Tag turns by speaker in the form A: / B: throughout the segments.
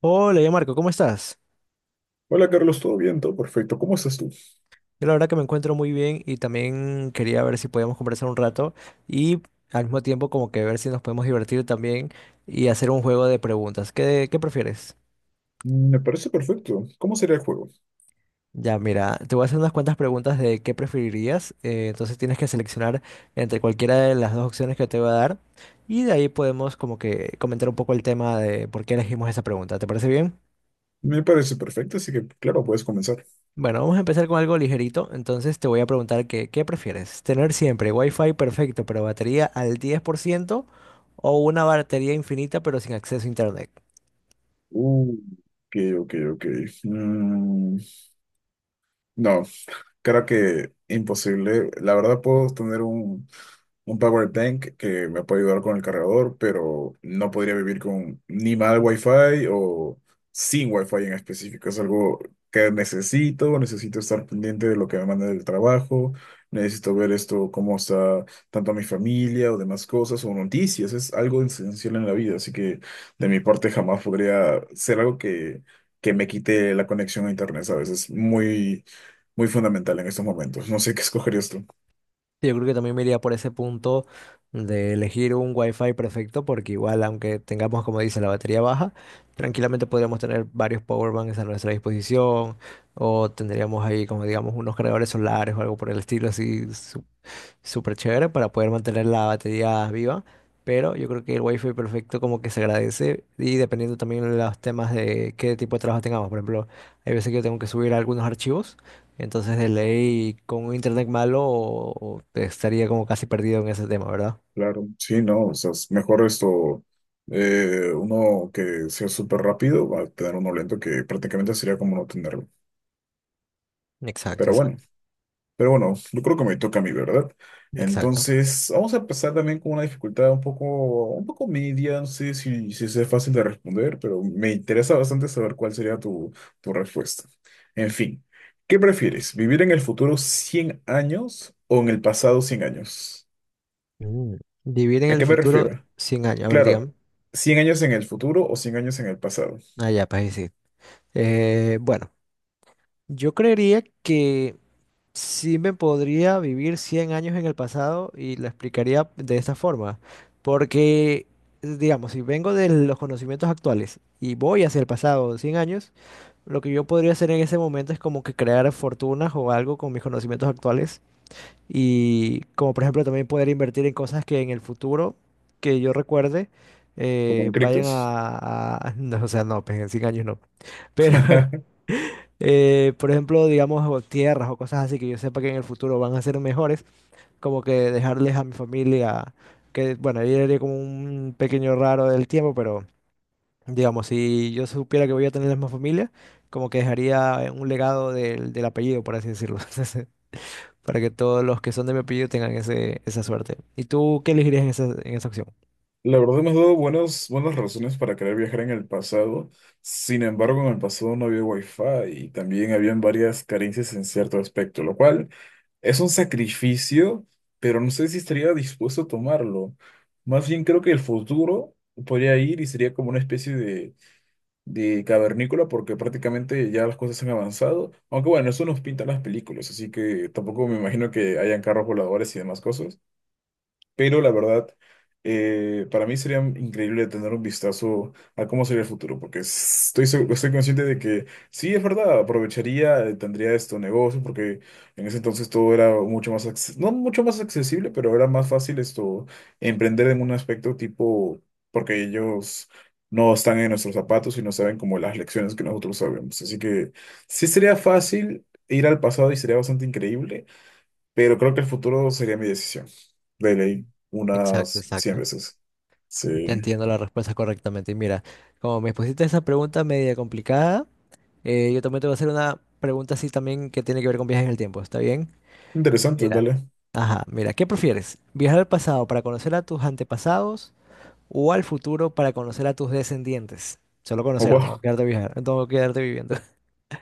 A: Hola, ya Marco, ¿cómo estás?
B: Hola Carlos, ¿todo bien? Todo perfecto. ¿Cómo estás tú?
A: Yo la verdad que me encuentro muy bien y también quería ver si podíamos conversar un rato y al mismo tiempo como que ver si nos podemos divertir también y hacer un juego de preguntas. ¿¿Qué prefieres?
B: Me parece perfecto. ¿Cómo sería el juego?
A: Ya, mira, te voy a hacer unas cuantas preguntas de qué preferirías. Entonces tienes que seleccionar entre cualquiera de las dos opciones que te voy a dar y de ahí podemos como que comentar un poco el tema de por qué elegimos esa pregunta. ¿Te parece bien?
B: Me parece perfecto, así que claro, puedes comenzar.
A: Bueno, vamos a empezar con algo ligerito. Entonces te voy a preguntar que, ¿qué prefieres? ¿Tener siempre Wi-Fi perfecto pero batería al 10%, o una batería infinita pero sin acceso a internet?
B: Uh, ok, ok, ok. Mm, no, creo que imposible. La verdad puedo tener un power bank que me puede ayudar con el cargador, pero no podría vivir con ni mal wifi o sin wifi en específico. Es algo que necesito estar pendiente de lo que me manda del trabajo, necesito ver esto, cómo está tanto mi familia o demás cosas o noticias. Es algo esencial en la vida, así que de mi parte jamás podría ser algo que me quite la conexión a internet, ¿sabes? Es muy, muy fundamental en estos momentos. No sé qué escogerías tú.
A: Yo creo que también me iría por ese punto de elegir un Wi-Fi perfecto porque igual aunque tengamos, como dice, la batería baja, tranquilamente podríamos tener varios power banks a nuestra disposición o tendríamos ahí como digamos unos cargadores solares o algo por el estilo así súper chévere para poder mantener la batería viva, pero yo creo que el wifi perfecto como que se agradece y dependiendo también de los temas de qué tipo de trabajo tengamos. Por ejemplo, hay veces que yo tengo que subir algunos archivos, entonces de ley con un internet malo o estaría como casi perdido en ese tema, ¿verdad?
B: Claro, sí, no, o sea, es mejor esto, uno que sea súper rápido, va a tener uno lento que prácticamente sería como no tenerlo.
A: Exacto,
B: Pero bueno,
A: exacto,
B: pero bueno, yo creo que me toca a mí, ¿verdad?
A: exacto.
B: Entonces, vamos a empezar también con una dificultad un poco, media, no sé si sea fácil de responder, pero me interesa bastante saber cuál sería tu respuesta. En fin, ¿qué prefieres? ¿Vivir en el futuro 100 años o en el pasado 100 años?
A: Mm. Vivir en
B: ¿A
A: el
B: qué me
A: futuro
B: refiero?
A: 100 años, a ver,
B: Claro,
A: digan.
B: 100 años en el futuro o 100 años en el pasado,
A: Ah, ya, pues ahí sí. Bueno, yo creería que sí me podría vivir 100 años en el pasado y lo explicaría de esta forma, porque, digamos, si vengo de los conocimientos actuales y voy hacia el pasado 100 años, lo que yo podría hacer en ese momento es como que crear fortunas o algo con mis conocimientos actuales y como por ejemplo también poder invertir en cosas que en el futuro, que yo recuerde,
B: como en Criptos.
A: No, o sea, no, pues en 100 años no. Pero por ejemplo, digamos, o tierras o cosas así que yo sepa que en el futuro van a ser mejores, como que dejarles a mi familia, que bueno, yo haría como un pequeño raro del tiempo, pero digamos, si yo supiera que voy a tener la misma familia, como que dejaría un legado del apellido, por así decirlo, entonces, para que todos los que son de mi apellido tengan esa suerte. ¿Y tú qué elegirías en en esa opción?
B: La verdad hemos dado buenas, buenas razones para querer viajar en el pasado. Sin embargo, en el pasado no había wifi y también habían varias carencias en cierto aspecto, lo cual es un sacrificio, pero no sé si estaría dispuesto a tomarlo. Más bien creo que el futuro podría ir y sería como una especie de cavernícola porque prácticamente ya las cosas han avanzado. Aunque bueno, eso nos pintan las películas, así que tampoco me imagino que hayan carros voladores y demás cosas. Pero la verdad, para mí sería increíble tener un vistazo a cómo sería el futuro, porque estoy consciente de que sí, es verdad, aprovecharía, tendría estos negocios, porque en ese entonces todo era mucho más, no mucho más accesible, pero era más fácil esto, emprender en un aspecto tipo, porque ellos no están en nuestros zapatos y no saben como las lecciones que nosotros sabemos. Así que sí sería fácil ir al pasado y sería bastante increíble. Pero creo que el futuro sería mi decisión. De ley,
A: Exacto,
B: unas 100
A: exacto.
B: veces.
A: Te
B: Sí.
A: entiendo la respuesta correctamente. Y mira, como me pusiste esa pregunta media complicada, yo también te voy a hacer una pregunta así también que tiene que ver con viajes en el tiempo, ¿está bien?
B: Interesante,
A: Mira,
B: dale.
A: ajá, mira, ¿qué prefieres? ¿Viajar al pasado para conocer a tus antepasados o al futuro para conocer a tus descendientes? Solo
B: Oh,
A: conocer,
B: wow.
A: no quedarte viajar, no quedarte viviendo.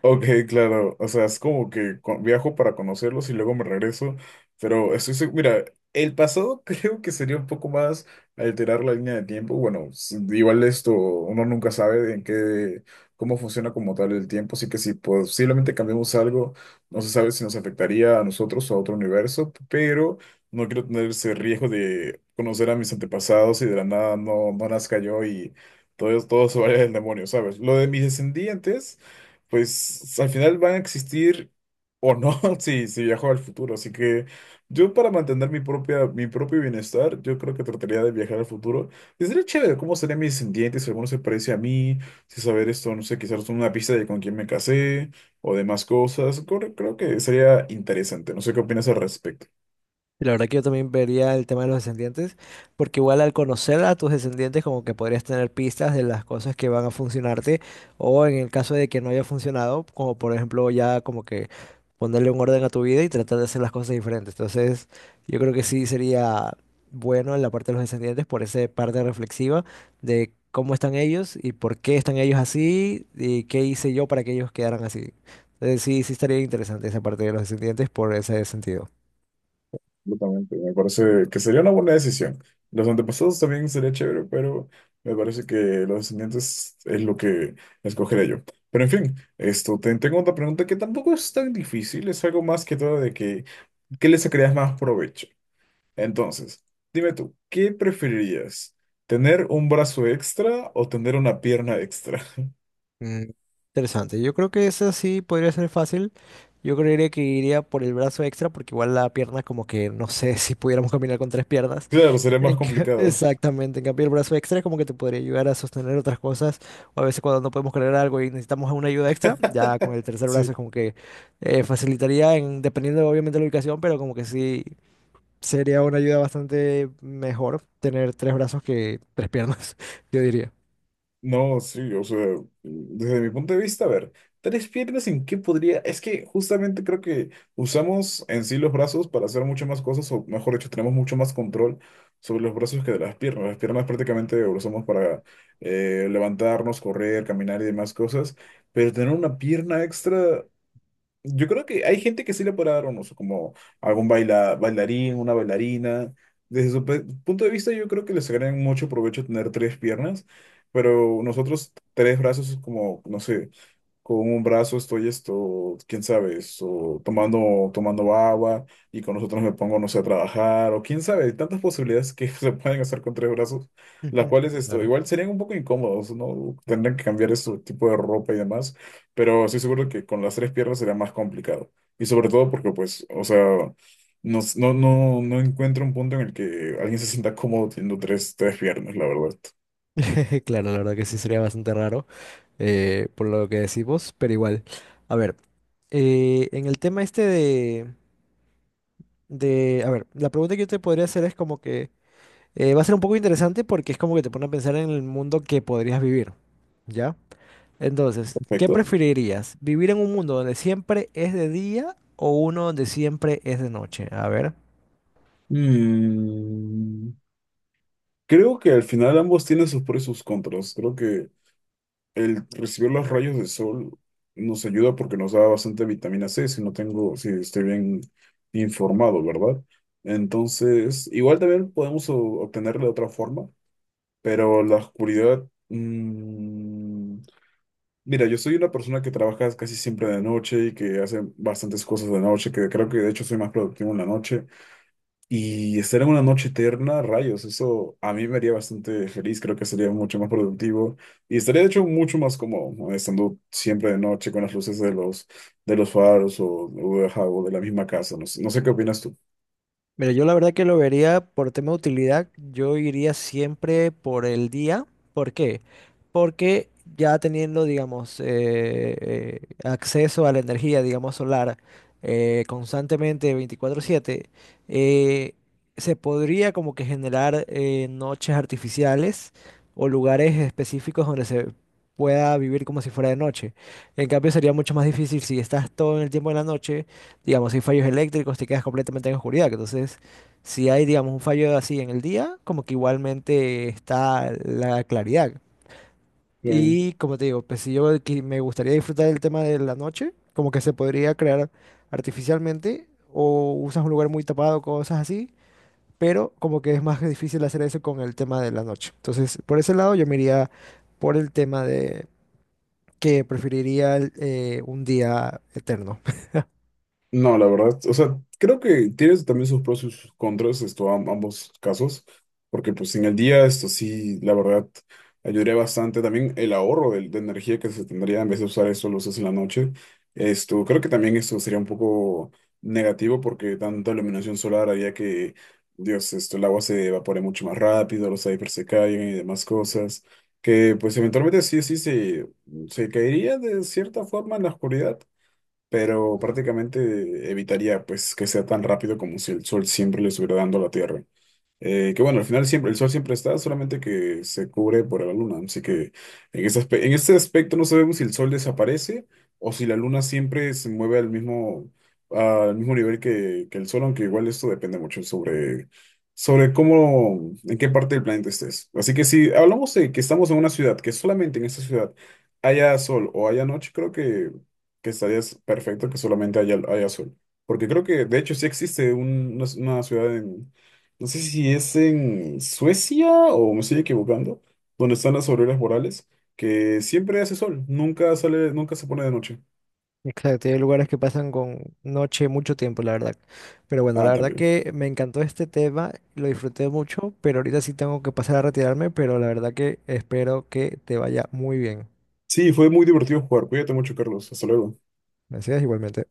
B: Ok, claro, o sea, es como que viajo para conocerlos y luego me regreso, pero estoy seguro, mira, el pasado creo que sería un poco más alterar la línea de tiempo, bueno, igual esto, uno nunca sabe en qué, cómo funciona como tal el tiempo, así que si posiblemente cambiamos algo, no se sabe si nos afectaría a nosotros o a otro universo, pero no quiero tener ese riesgo de conocer a mis antepasados y de la nada no, no nazca yo y todo se vaya del demonio, ¿sabes? Lo de mis descendientes pues al final van a existir o no si viajo al futuro. Así que yo para mantener mi propia, mi propio bienestar, yo creo que trataría de viajar al futuro. Y sería chévere cómo serían mis descendientes, si alguno se parece a mí, si saber esto, no sé, quizás una pista de con quién me casé o demás cosas. Creo que sería interesante. No sé qué opinas al respecto.
A: Y la verdad que yo también vería el tema de los descendientes, porque igual al conocer a tus descendientes como que podrías tener pistas de las cosas que van a funcionarte o en el caso de que no haya funcionado, como por ejemplo ya como que ponerle un orden a tu vida y tratar de hacer las cosas diferentes. Entonces yo creo que sí sería bueno en la parte de los descendientes por esa parte reflexiva de cómo están ellos y por qué están ellos así y qué hice yo para que ellos quedaran así. Entonces sí, sí estaría interesante esa parte de los descendientes por ese sentido.
B: Absolutamente, me parece que sería una buena decisión. Los antepasados también sería chévere, pero me parece que los descendientes es lo que escogeré yo. Pero en fin, esto, tengo otra pregunta que tampoco es tan difícil, es algo más que todo de que, ¿qué le sacarías más provecho? Entonces, dime tú, ¿qué preferirías? ¿Tener un brazo extra o tener una pierna extra?
A: Mm, interesante. Yo creo que esa sí podría ser fácil. Yo creería que iría por el brazo extra porque igual la pierna como que no sé si pudiéramos caminar con tres piernas.
B: Claro, sería más complicado.
A: Exactamente, en cambio el brazo extra es como que te podría ayudar a sostener otras cosas o a veces cuando no podemos cargar algo y necesitamos una ayuda extra, ya con el tercer brazo es
B: Sí.
A: como que facilitaría en, dependiendo obviamente de la ubicación, pero como que sí sería una ayuda bastante mejor tener tres brazos que tres piernas, yo diría.
B: No, sí, o sea, desde mi punto de vista, a ver, tres piernas en qué podría, es que justamente creo que usamos en sí los brazos para hacer muchas más cosas, o mejor dicho, tenemos mucho más control sobre los brazos que de las piernas. Las piernas prácticamente lo usamos para levantarnos, correr, caminar y demás cosas, pero tener una pierna extra yo creo que hay gente que sí le puede dar un uso, como algún bailarín, una bailarina. Desde su punto de vista, yo creo que les sacarían mucho provecho tener tres piernas, pero nosotros tres brazos es como, no sé, con un brazo estoy esto, quién sabe, esto, tomando agua y con nosotros me pongo, no sé, a trabajar o quién sabe, hay tantas posibilidades que se pueden hacer con tres brazos, las
A: Ujú.
B: cuales esto,
A: Claro.
B: igual serían un poco incómodos, ¿no? Tendrían que cambiar su tipo de ropa y demás, pero estoy seguro que con las tres piernas sería más complicado. Y sobre todo porque, pues, o sea, no, no, no, no encuentro un punto en el que alguien se sienta cómodo teniendo tres, piernas, la verdad.
A: Claro, la verdad que sí sería bastante raro por lo que decimos, pero igual. A ver, en el tema este de... A ver, la pregunta que yo te podría hacer es como que va a ser un poco interesante porque es como que te pone a pensar en el mundo que podrías vivir, ¿ya? Entonces, ¿qué
B: Perfecto.
A: preferirías? ¿Vivir en un mundo donde siempre es de día o uno donde siempre es de noche? A ver.
B: Mm, Creo que al final ambos tienen sus pros y sus contras. Creo que el recibir los rayos de sol nos ayuda porque nos da bastante vitamina C, si no tengo, si estoy bien informado, ¿verdad? Entonces, igual también podemos obtenerla de otra forma, pero la oscuridad. Mira, yo soy una persona que trabaja casi siempre de noche y que hace bastantes cosas de noche, que creo que de hecho soy más productivo en la noche. Y estar en una noche eterna, rayos, eso a mí me haría bastante feliz, creo que sería mucho más productivo y estaría de hecho mucho más cómodo, ¿no? Estando siempre de noche con las luces de los, faros o, de, ajá, o de la misma casa, no sé qué opinas tú.
A: Mira, yo la verdad que lo vería por tema de utilidad, yo iría siempre por el día. ¿Por qué? Porque ya teniendo, digamos, acceso a la energía, digamos, solar constantemente 24/7, eh, se podría como que generar noches artificiales o lugares específicos donde se pueda vivir como si fuera de noche. En cambio, sería mucho más difícil si estás todo el tiempo de la noche. Digamos, si fallos eléctricos, te quedas completamente en oscuridad. Que Entonces, si hay, digamos, un fallo así en el día, como que igualmente está la claridad. Y como te digo, pues si me gustaría disfrutar del tema de la noche, como que se podría crear artificialmente o usas un lugar muy tapado, cosas así, pero como que es más difícil hacer eso con el tema de la noche. Entonces, por ese lado yo me iría por el tema de que preferiría el, un día eterno.
B: No, la verdad, o sea, creo que tienes también sus pros y sus contras, esto, ambos casos, porque pues en el día, esto sí, la verdad, ayudaría bastante también el ahorro de energía que se tendría en vez de usar eso, lo usas en la noche, esto, creo que también esto sería un poco negativo porque tanta iluminación solar haría que, Dios, esto, el agua se evapore mucho más rápido, los icebergs se caigan y demás cosas, que pues eventualmente sí, sí, se caería de cierta forma en la oscuridad pero prácticamente evitaría pues que sea tan rápido como si el sol siempre le estuviera dando a la Tierra. Que bueno, al final siempre, el sol siempre está, solamente que se cubre por la luna. Así que en ese en ese aspecto no sabemos si el sol desaparece o si la luna siempre se mueve al mismo, nivel que el sol, aunque igual esto depende mucho sobre cómo, en qué parte del planeta estés. Así que si hablamos de que estamos en una ciudad, que solamente en esa ciudad haya sol o haya noche, creo que estarías perfecto que solamente haya sol. Porque creo que de hecho sí existe un- una ciudad en no sé si es en Suecia o me estoy equivocando, donde están las auroras boreales, que siempre hace sol, nunca sale, nunca se pone de noche.
A: Exacto, y hay lugares que pasan con noche mucho tiempo, la verdad. Pero bueno, la
B: Ah,
A: verdad
B: también.
A: que me encantó este tema, lo disfruté mucho, pero ahorita sí tengo que pasar a retirarme, pero la verdad que espero que te vaya muy bien.
B: Sí, fue muy divertido jugar. Cuídate mucho, Carlos. Hasta luego.
A: Gracias, igualmente.